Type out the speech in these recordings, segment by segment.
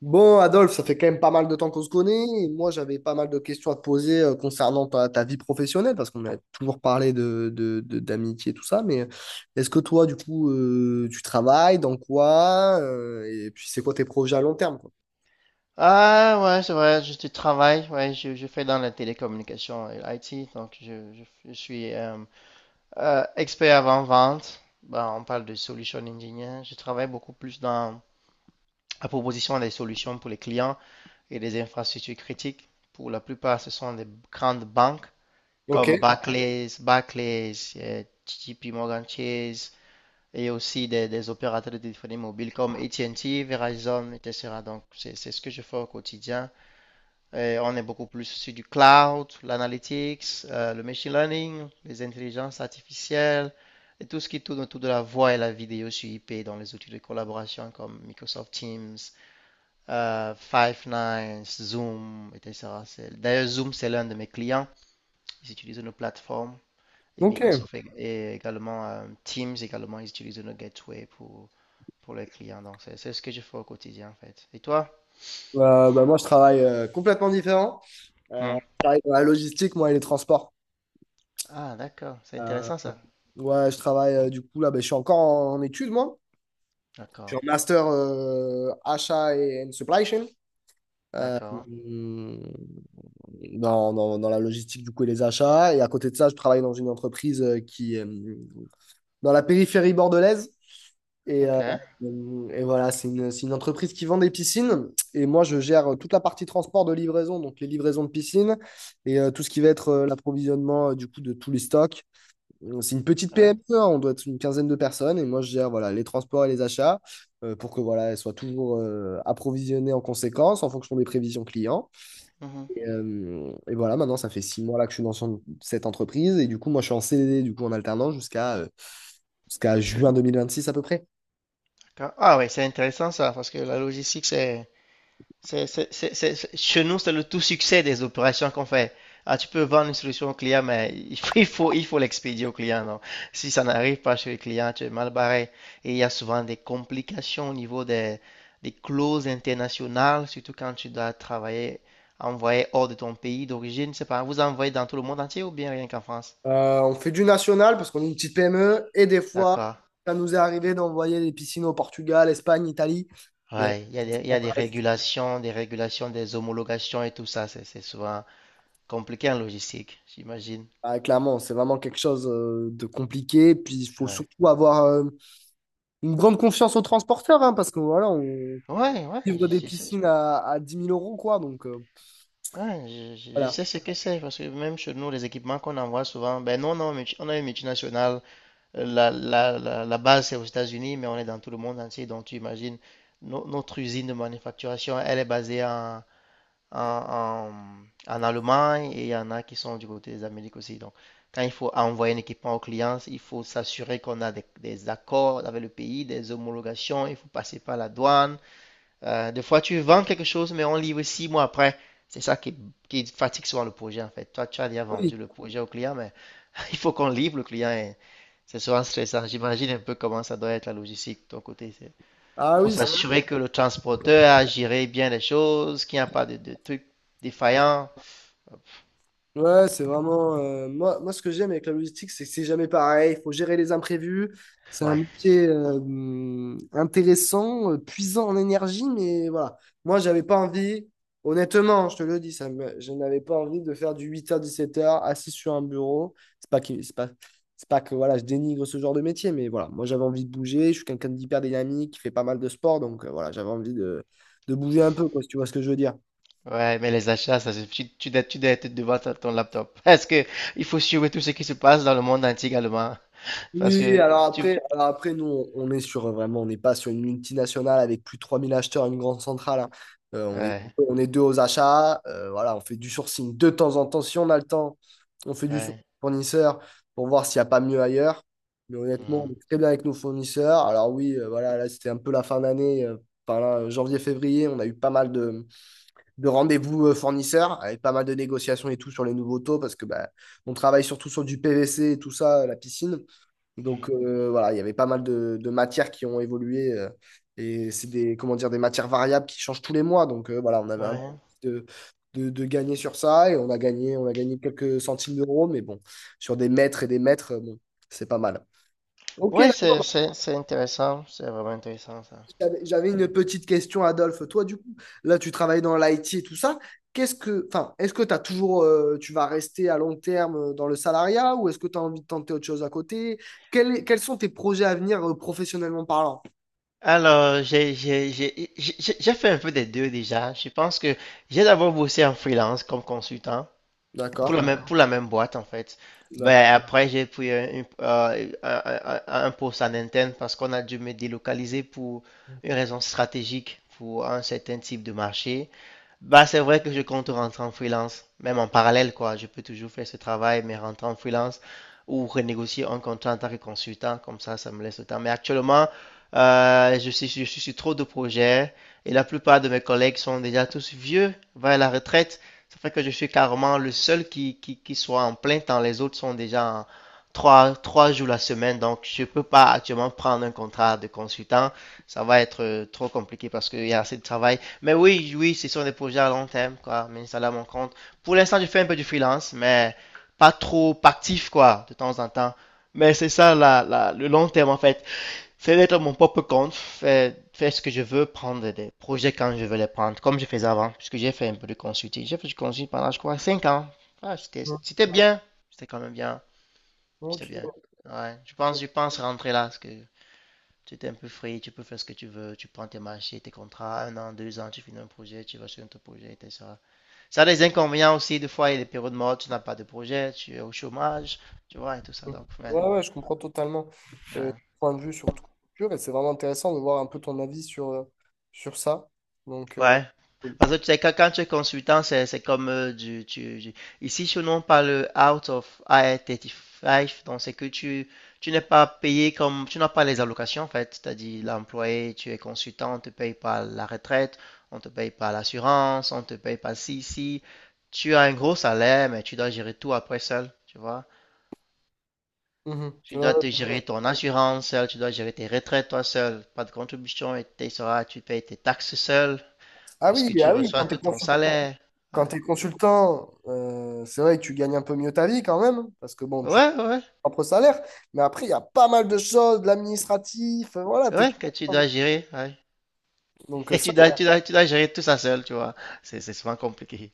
Bon, Adolphe, ça fait quand même pas mal de temps qu'on se connaît. Et moi, j'avais pas mal de questions à te poser concernant ta vie professionnelle, parce qu'on a toujours parlé d'amitié, tout ça. Mais est-ce que toi, du coup, tu travailles, dans quoi? Et puis, c'est quoi tes projets à long terme, quoi? Ah ouais, c'est vrai, je tu travailles, ouais, je fais dans la télécommunication et l'IT. Donc je suis expert avant-vente. Ben, on parle de solution engineer. Je travaille beaucoup plus dans la proposition des solutions pour les clients et des infrastructures critiques. Pour la plupart, ce sont des grandes banques Ok, comme Barclays, J P Morgan Chase, et aussi des opérateurs de téléphonie mobile comme AT&T, Verizon, etc. Donc c'est ce que je fais au quotidien. On est beaucoup plus sur du cloud, l'analytics, le machine learning, les intelligences artificielles et tout ce qui tourne autour de la voix et la vidéo sur IP dans les outils de collaboration comme Microsoft Teams, Five9, Zoom, etc. D'ailleurs, Zoom, c'est l'un de mes clients. Ils utilisent nos plateformes et ok. Microsoft, et également Teams également, ils utilisent nos gateways pour les clients. Donc, c'est ce que je fais au quotidien en fait. Et toi? Bah, moi, je travaille complètement différent. Hmm. Je travaille dans la logistique, moi, et les transports. Ah, d'accord, c'est Euh, intéressant ça. ouais, je travaille, du coup, là, ben, je suis encore en études, moi. Je suis D'accord, en master achat et and supply chain. d'accord. Hmm, dans la logistique du coup et les achats. Et à côté de ça, je travaille dans une entreprise qui est dans la périphérie bordelaise. Et, Ok. euh, et voilà, c'est une entreprise qui vend des piscines. Et moi, je gère toute la partie transport de livraison, donc les livraisons de piscines et tout ce qui va être l'approvisionnement du coup de tous les stocks. C'est une petite Ouais. PME, hein, on doit être une quinzaine de personnes. Et moi, je gère voilà, les transports et les achats pour que voilà, elles soient toujours approvisionnées en conséquence en fonction des prévisions clients. Mhm. Et voilà, maintenant, ça fait 6 mois là que je suis dans cette entreprise. Et du coup, moi, je suis en CDD, du coup, en alternance jusqu'à jusqu'à juin 2026 à peu près. D'accord. Ah oui, c'est intéressant ça, parce que la logistique, c'est, chez nous, c'est le tout succès des opérations qu'on fait. Ah, tu peux vendre une solution au client, mais il faut l'expédier au client. Non. Si ça n'arrive pas chez le client, tu es mal barré. Et il y a souvent des complications au niveau des clauses internationales, surtout quand tu dois travailler, envoyer hors de ton pays d'origine. C'est pas, vous envoyez dans tout le monde entier ou bien rien qu'en France? On fait du national parce qu'on est une petite PME. Et des fois, D'accord. ça nous est arrivé d'envoyer des piscines au Portugal, Espagne, Italie. Mais on- Ouais, il y a des, il y on a des reste- régulations, des homologations et tout ça. C'est souvent compliqué en logistique, j'imagine. ah, clairement, c'est vraiment quelque chose de compliqué. Puis, il faut Ouais, surtout avoir une grande confiance aux transporteurs hein, parce que voilà, on ouais, ouais, livre je, des je sais, piscines à 10 000 euros, quoi. Donc, ouais, je voilà. sais ce que c'est, parce que même chez nous, les équipements qu'on envoie souvent, ben non, non, multi- on a une multinationale. La base, c'est aux États-Unis, mais on est dans tout le monde entier. Donc, tu imagines, notre usine de manufacturation, elle est basée en, en Allemagne, et il y en a qui sont du côté des Amériques aussi. Donc, quand il faut envoyer un équipement aux clients, il faut s'assurer qu'on a des accords avec le pays, des homologations, il faut passer par la douane. Des fois, tu vends quelque chose, mais on livre 6 mois après. C'est ça qui fatigue souvent le projet, en fait. Toi, tu as déjà Ah oui, vendu le projet au client, mais il faut qu'on livre le client, et c'est souvent stressant. J'imagine un peu comment ça doit être la logistique de ton côté. C'est ah Faut oui, s'assurer que le transporteur a géré bien les choses, qu'il n'y a pas de trucs défaillants. ouais, c'est vraiment. Moi, ce que j'aime avec la logistique, c'est que c'est jamais pareil. Il faut gérer les imprévus. C'est un Ouais. métier intéressant, puisant en énergie, mais voilà. Moi, j'avais pas envie, honnêtement, je te le dis, je n'avais pas envie de faire du huit heures dix-sept heures assis sur un bureau. C'est pas que, c'est pas, c'est pas que voilà, je dénigre ce genre de métier, mais voilà. Moi, j'avais envie de bouger. Je suis quelqu'un d'hyper dynamique, qui fait pas mal de sport, donc voilà, j'avais envie de bouger un peu, quoi, si tu vois ce que je veux dire. Ouais, mais les achats, ça, tu dois être devant ton laptop. Parce que il faut suivre tout ce qui se passe dans le monde entier également. Parce Oui, que alors tu... après, alors après nous, on est sur vraiment, on n'est pas sur une multinationale avec plus de 3 000 acheteurs, une grande centrale, hein. Euh, on est, Ouais, on est deux aux achats. Voilà, on fait du sourcing de temps en temps. Si on a le temps, on fait du sourcing ouais. fournisseur pour voir s'il n'y a pas mieux ailleurs. Mais honnêtement, on Mhm, est très bien avec nos fournisseurs. Alors oui, voilà, là, c'était un peu la fin d'année. Enfin, là, janvier-février, on a eu pas mal de rendez-vous fournisseurs avec pas mal de négociations et tout sur les nouveaux taux parce que bah, on travaille surtout sur du PVC et tout ça, la piscine. Donc mhm. Voilà, il y avait pas mal de matières qui ont évolué et c'est des, comment dire, des matières variables qui changent tous les mois. Donc voilà, on avait un Ouais, peu de gagner sur ça et on a gagné quelques centimes d'euros, mais bon, sur des mètres et des mètres, bon, c'est pas mal. Ok, ouais, là, c'est intéressant. C'est vraiment intéressant, ça. j'avais une petite question, Adolphe. Toi, du coup, là, tu travailles dans l'IT et tout ça. Qu'est-ce que, enfin, est-ce que t'as toujours, tu vas rester à long terme dans le salariat ou est-ce que tu as envie de tenter autre chose à côté? Quels sont tes projets à venir, professionnellement parlant? Alors, j'ai fait un peu des deux déjà. Je pense que j'ai d'abord bossé en freelance comme consultant. Pour D'accord, pour la même boîte, en fait. d'accord. Ben, après, j'ai pris un, une- un poste en Nintendo parce qu'on a dû me délocaliser pour une raison stratégique, pour un certain type de marché. Bah, c'est vrai que je compte rentrer en freelance, même en parallèle, quoi. Je peux toujours faire ce travail, mais rentrer en freelance ou renégocier un contrat en tant que consultant, comme ça me laisse le temps. Mais actuellement, je suis sur trop de projets, et la plupart de mes collègues sont déjà tous vieux, vers la retraite. Ça fait que je suis carrément le seul qui soit en plein temps. Les autres sont déjà en 3 jours la semaine, donc je peux pas actuellement prendre un contrat de consultant. Ça va être trop compliqué parce qu'il y a assez de travail, mais oui, oui, c'est sur des projets à long terme, quoi. Mais ça, là, mon compte. Pour l'instant, je fais un peu du freelance, mais pas trop actif, quoi, de temps en temps. Mais c'est ça, là, là, le long terme, en fait. C'est d'être mon propre compte, faire ce que je veux, prendre des projets quand je veux les prendre, comme je faisais avant, puisque j'ai fait un peu de consulting. J'ai fait du consulting pendant, je crois, 5 ans. Ah, Mm. c'était bien. C'était quand même bien. C'était Ok. bien. Ouais, Mm. Je pense rentrer là, parce que tu t'es un peu free, tu peux faire ce que tu veux, tu prends tes marchés, tes contrats, 1 an, 2 ans, tu finis un projet, tu vas sur un autre projet, etc. Ça a des inconvénients aussi, des fois, il y a des périodes mortes, tu n'as pas de projet, tu es au chômage, tu vois, et tout ça. Donc, ouais, Ouais, ouais, je comprends totalement ton ouais. point de vue sur ton culture et c'est vraiment intéressant de voir un peu ton avis sur ça. Donc, Ouais. cool. Parce que tu sais, quand tu es consultant, c'est comme ici, chez nous, on parle out of IR35. Donc, c'est que tu n'es pas payé comme... Tu n'as pas les allocations, en fait. C'est-à-dire, l'employé, tu es consultant, on te paye par la retraite, on te paye par l'assurance, on te paye par ci, ci. Tu as un gros salaire, mais tu dois gérer tout après seul, tu vois. Mhm. Tu Ouais, dois te ouais. gérer ton assurance seul, tu dois gérer tes retraites toi seul. Pas de contribution, et tu payes tes taxes seul Ah parce oui, que tu ah oui, quand reçois t'es tout ton consul- salaire. Ouais, quand t'es consultant, c'est vrai que tu gagnes un peu mieux ta vie quand même, parce que bon, tu as ouais, ouais, ton propre salaire, mais après, il y a pas mal de choses, de l'administratif, voilà, t'es. ouais, que tu dois gérer. Ouais. Donc, Et ça tu dois gérer tout ça seul, tu vois. C'est souvent compliqué.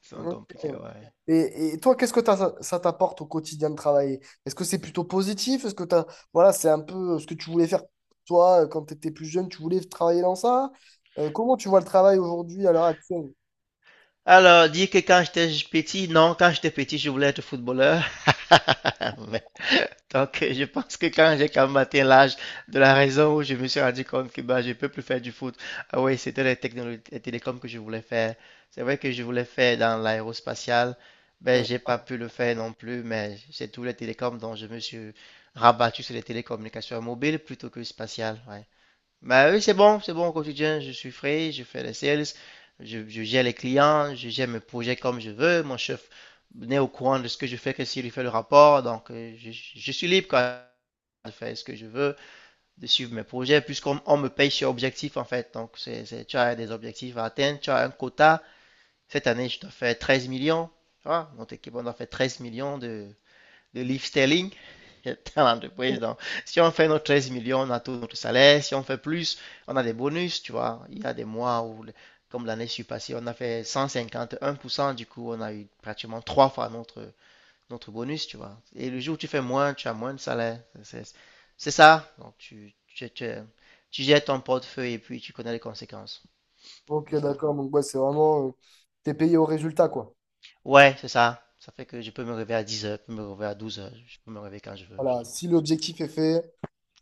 C'est souvent Ok. compliqué, ouais. Et toi, qu'est-ce que ça t'apporte au quotidien de travailler? Est-ce que c'est plutôt positif? Est-ce que t'as, voilà, c'est un peu ce que tu voulais faire toi quand tu étais plus jeune, tu voulais travailler dans ça? Comment tu vois le travail aujourd'hui à l'heure actuelle? Alors, dis que quand j'étais petit, non, quand j'étais petit, je voulais être footballeur. Donc, je pense que quand j'ai quand même atteint l'âge de la raison où je me suis rendu compte que bah, je peux plus faire du foot, ah oui, c'était les technologies, les télécoms que je voulais faire. C'est vrai que je voulais faire dans l'aérospatial, ben D'accord. j'ai pas pu le faire non plus, mais c'est tous les télécoms dont je me suis rabattu sur les télécommunications mobiles plutôt que spatiales. Ouais. Bah oui, c'est bon au quotidien, je suis frais, je fais les sales, je gère les clients, je gère mes projets comme je veux, mon chef n'est au courant de ce que je fais que s'il lui fait le rapport. Donc je suis libre quoi, de faire ce que je veux, de suivre mes projets, puisqu'on me paye sur objectif en fait. Donc tu as des objectifs à atteindre, tu as un quota, cette année je dois faire 13 millions, tu vois, notre équipe on doit faire 13 millions de life-telling, dans l'entreprise. Donc, si on fait nos 13 millions, on a tout notre salaire. Si on fait plus, on a des bonus, tu vois. Il y a des mois où, comme l'année passée, on a fait 151%. Du coup, on a eu pratiquement trois fois notre bonus, tu vois. Et le jour où tu fais moins, tu as moins de salaire. C'est ça. Donc, tu jettes ton portefeuille et puis tu connais les conséquences de Ok, ça. d'accord. Donc, ouais, c'est vraiment, t'es payé au résultat, quoi. Ouais, c'est ça. Ça fait que je peux me réveiller à 10 heures, je peux me réveiller à 12 heures, je peux me réveiller quand je veux. Voilà. Donc, Si l'objectif est fait,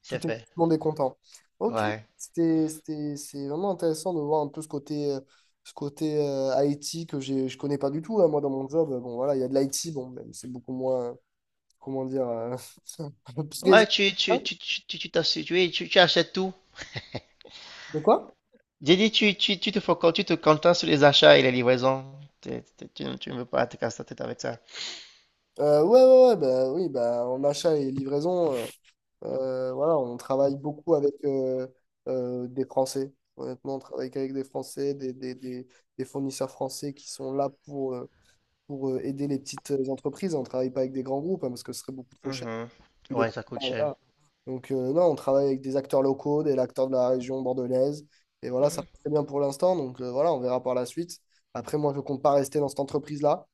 c'est tout fait. le monde est content. Ok, Ouais. c'est vraiment intéressant de voir un peu ce côté IT que j'ai, je connais pas du tout, hein. Moi, dans mon job, bon, voilà, il y a de l'IT, bon, même c'est beaucoup moins, comment dire, un peu présent. Ouais, tu, tu, Hein? tu, tu, tu, tu t'as su- tu achètes tout. De quoi? J'ai dit, tu te focuses, tu te contentes sur les achats et les livraisons. Tu ne veux pas te casser la tête avec ça. Ouais, ouais, ouais, bah, oui, bah, en achat et livraison, voilà, on travaille beaucoup avec des Français. Honnêtement, on travaille qu'avec des Français, des fournisseurs français qui sont là pour aider les petites entreprises. On ne travaille pas avec des grands groupes hein, parce que ce serait beaucoup trop cher. Mhm. Tu les Ouais, ça coûte comprends, cher. voilà. Donc, non, on travaille avec des acteurs locaux, des acteurs de la région bordelaise. Et voilà, ça Mhm. passe très bien pour l'instant. Donc, voilà, on verra par la suite. Après, moi, je ne compte pas rester dans cette entreprise-là.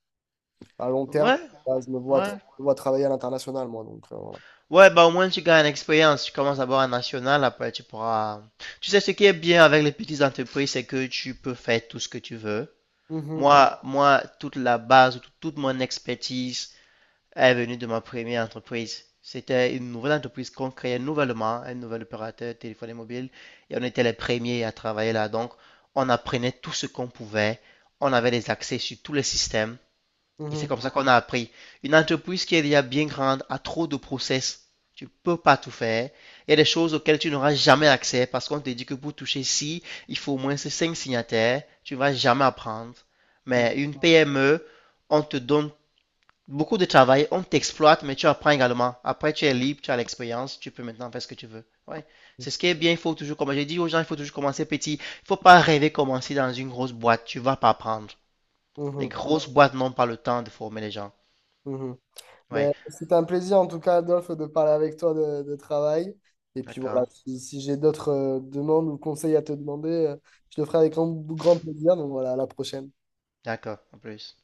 À long terme, Ouais, là, je me vois, tra- ouais. je me vois travailler à l'international, moi. Donc, voilà. Ouais, bah au moins tu gagnes l'expérience. Tu commences d'abord en national, après tu pourras. Tu sais, ce qui est bien avec les petites entreprises, c'est que tu peux faire tout ce que tu veux. Mhm, Moi, toute la base, toute mon expertise est venue de ma première entreprise. C'était une nouvelle entreprise qu'on créait nouvellement, un nouvel opérateur téléphonie mobile, et on était les premiers à travailler là. Donc, on apprenait tout ce qu'on pouvait, on avait des accès sur tous les systèmes, et mhm, c'est comme ça qu'on a appris. Une entreprise qui est déjà bien grande a trop de process. Tu ne peux pas tout faire. Il y a des choses auxquelles tu n'auras jamais accès parce qu'on te dit que pour toucher ci, il faut au moins ces cinq signataires. Tu ne vas jamais apprendre. Mais une PME, on te donne beaucoup de travail, on t'exploite, mais tu apprends également. Après, tu es libre, tu as l'expérience, tu peux maintenant faire ce que tu veux. Ouais. C'est ce qui est bien, il faut toujours, comme j'ai dit aux gens, il faut toujours commencer petit. Il ne faut pas rêver commencer dans une grosse boîte, tu ne vas pas apprendre. Les mhm, grosses boîtes n'ont pas le temps de former les gens. mhm, mhm. Ouais, Mais c'est un plaisir en tout cas, Adolphe, de parler avec toi de travail. Et puis voilà, d'accord, si j'ai d'autres demandes ou conseils à te demander, je le ferai avec grand, grand plaisir. Donc voilà, à la prochaine. d'accord, en plus.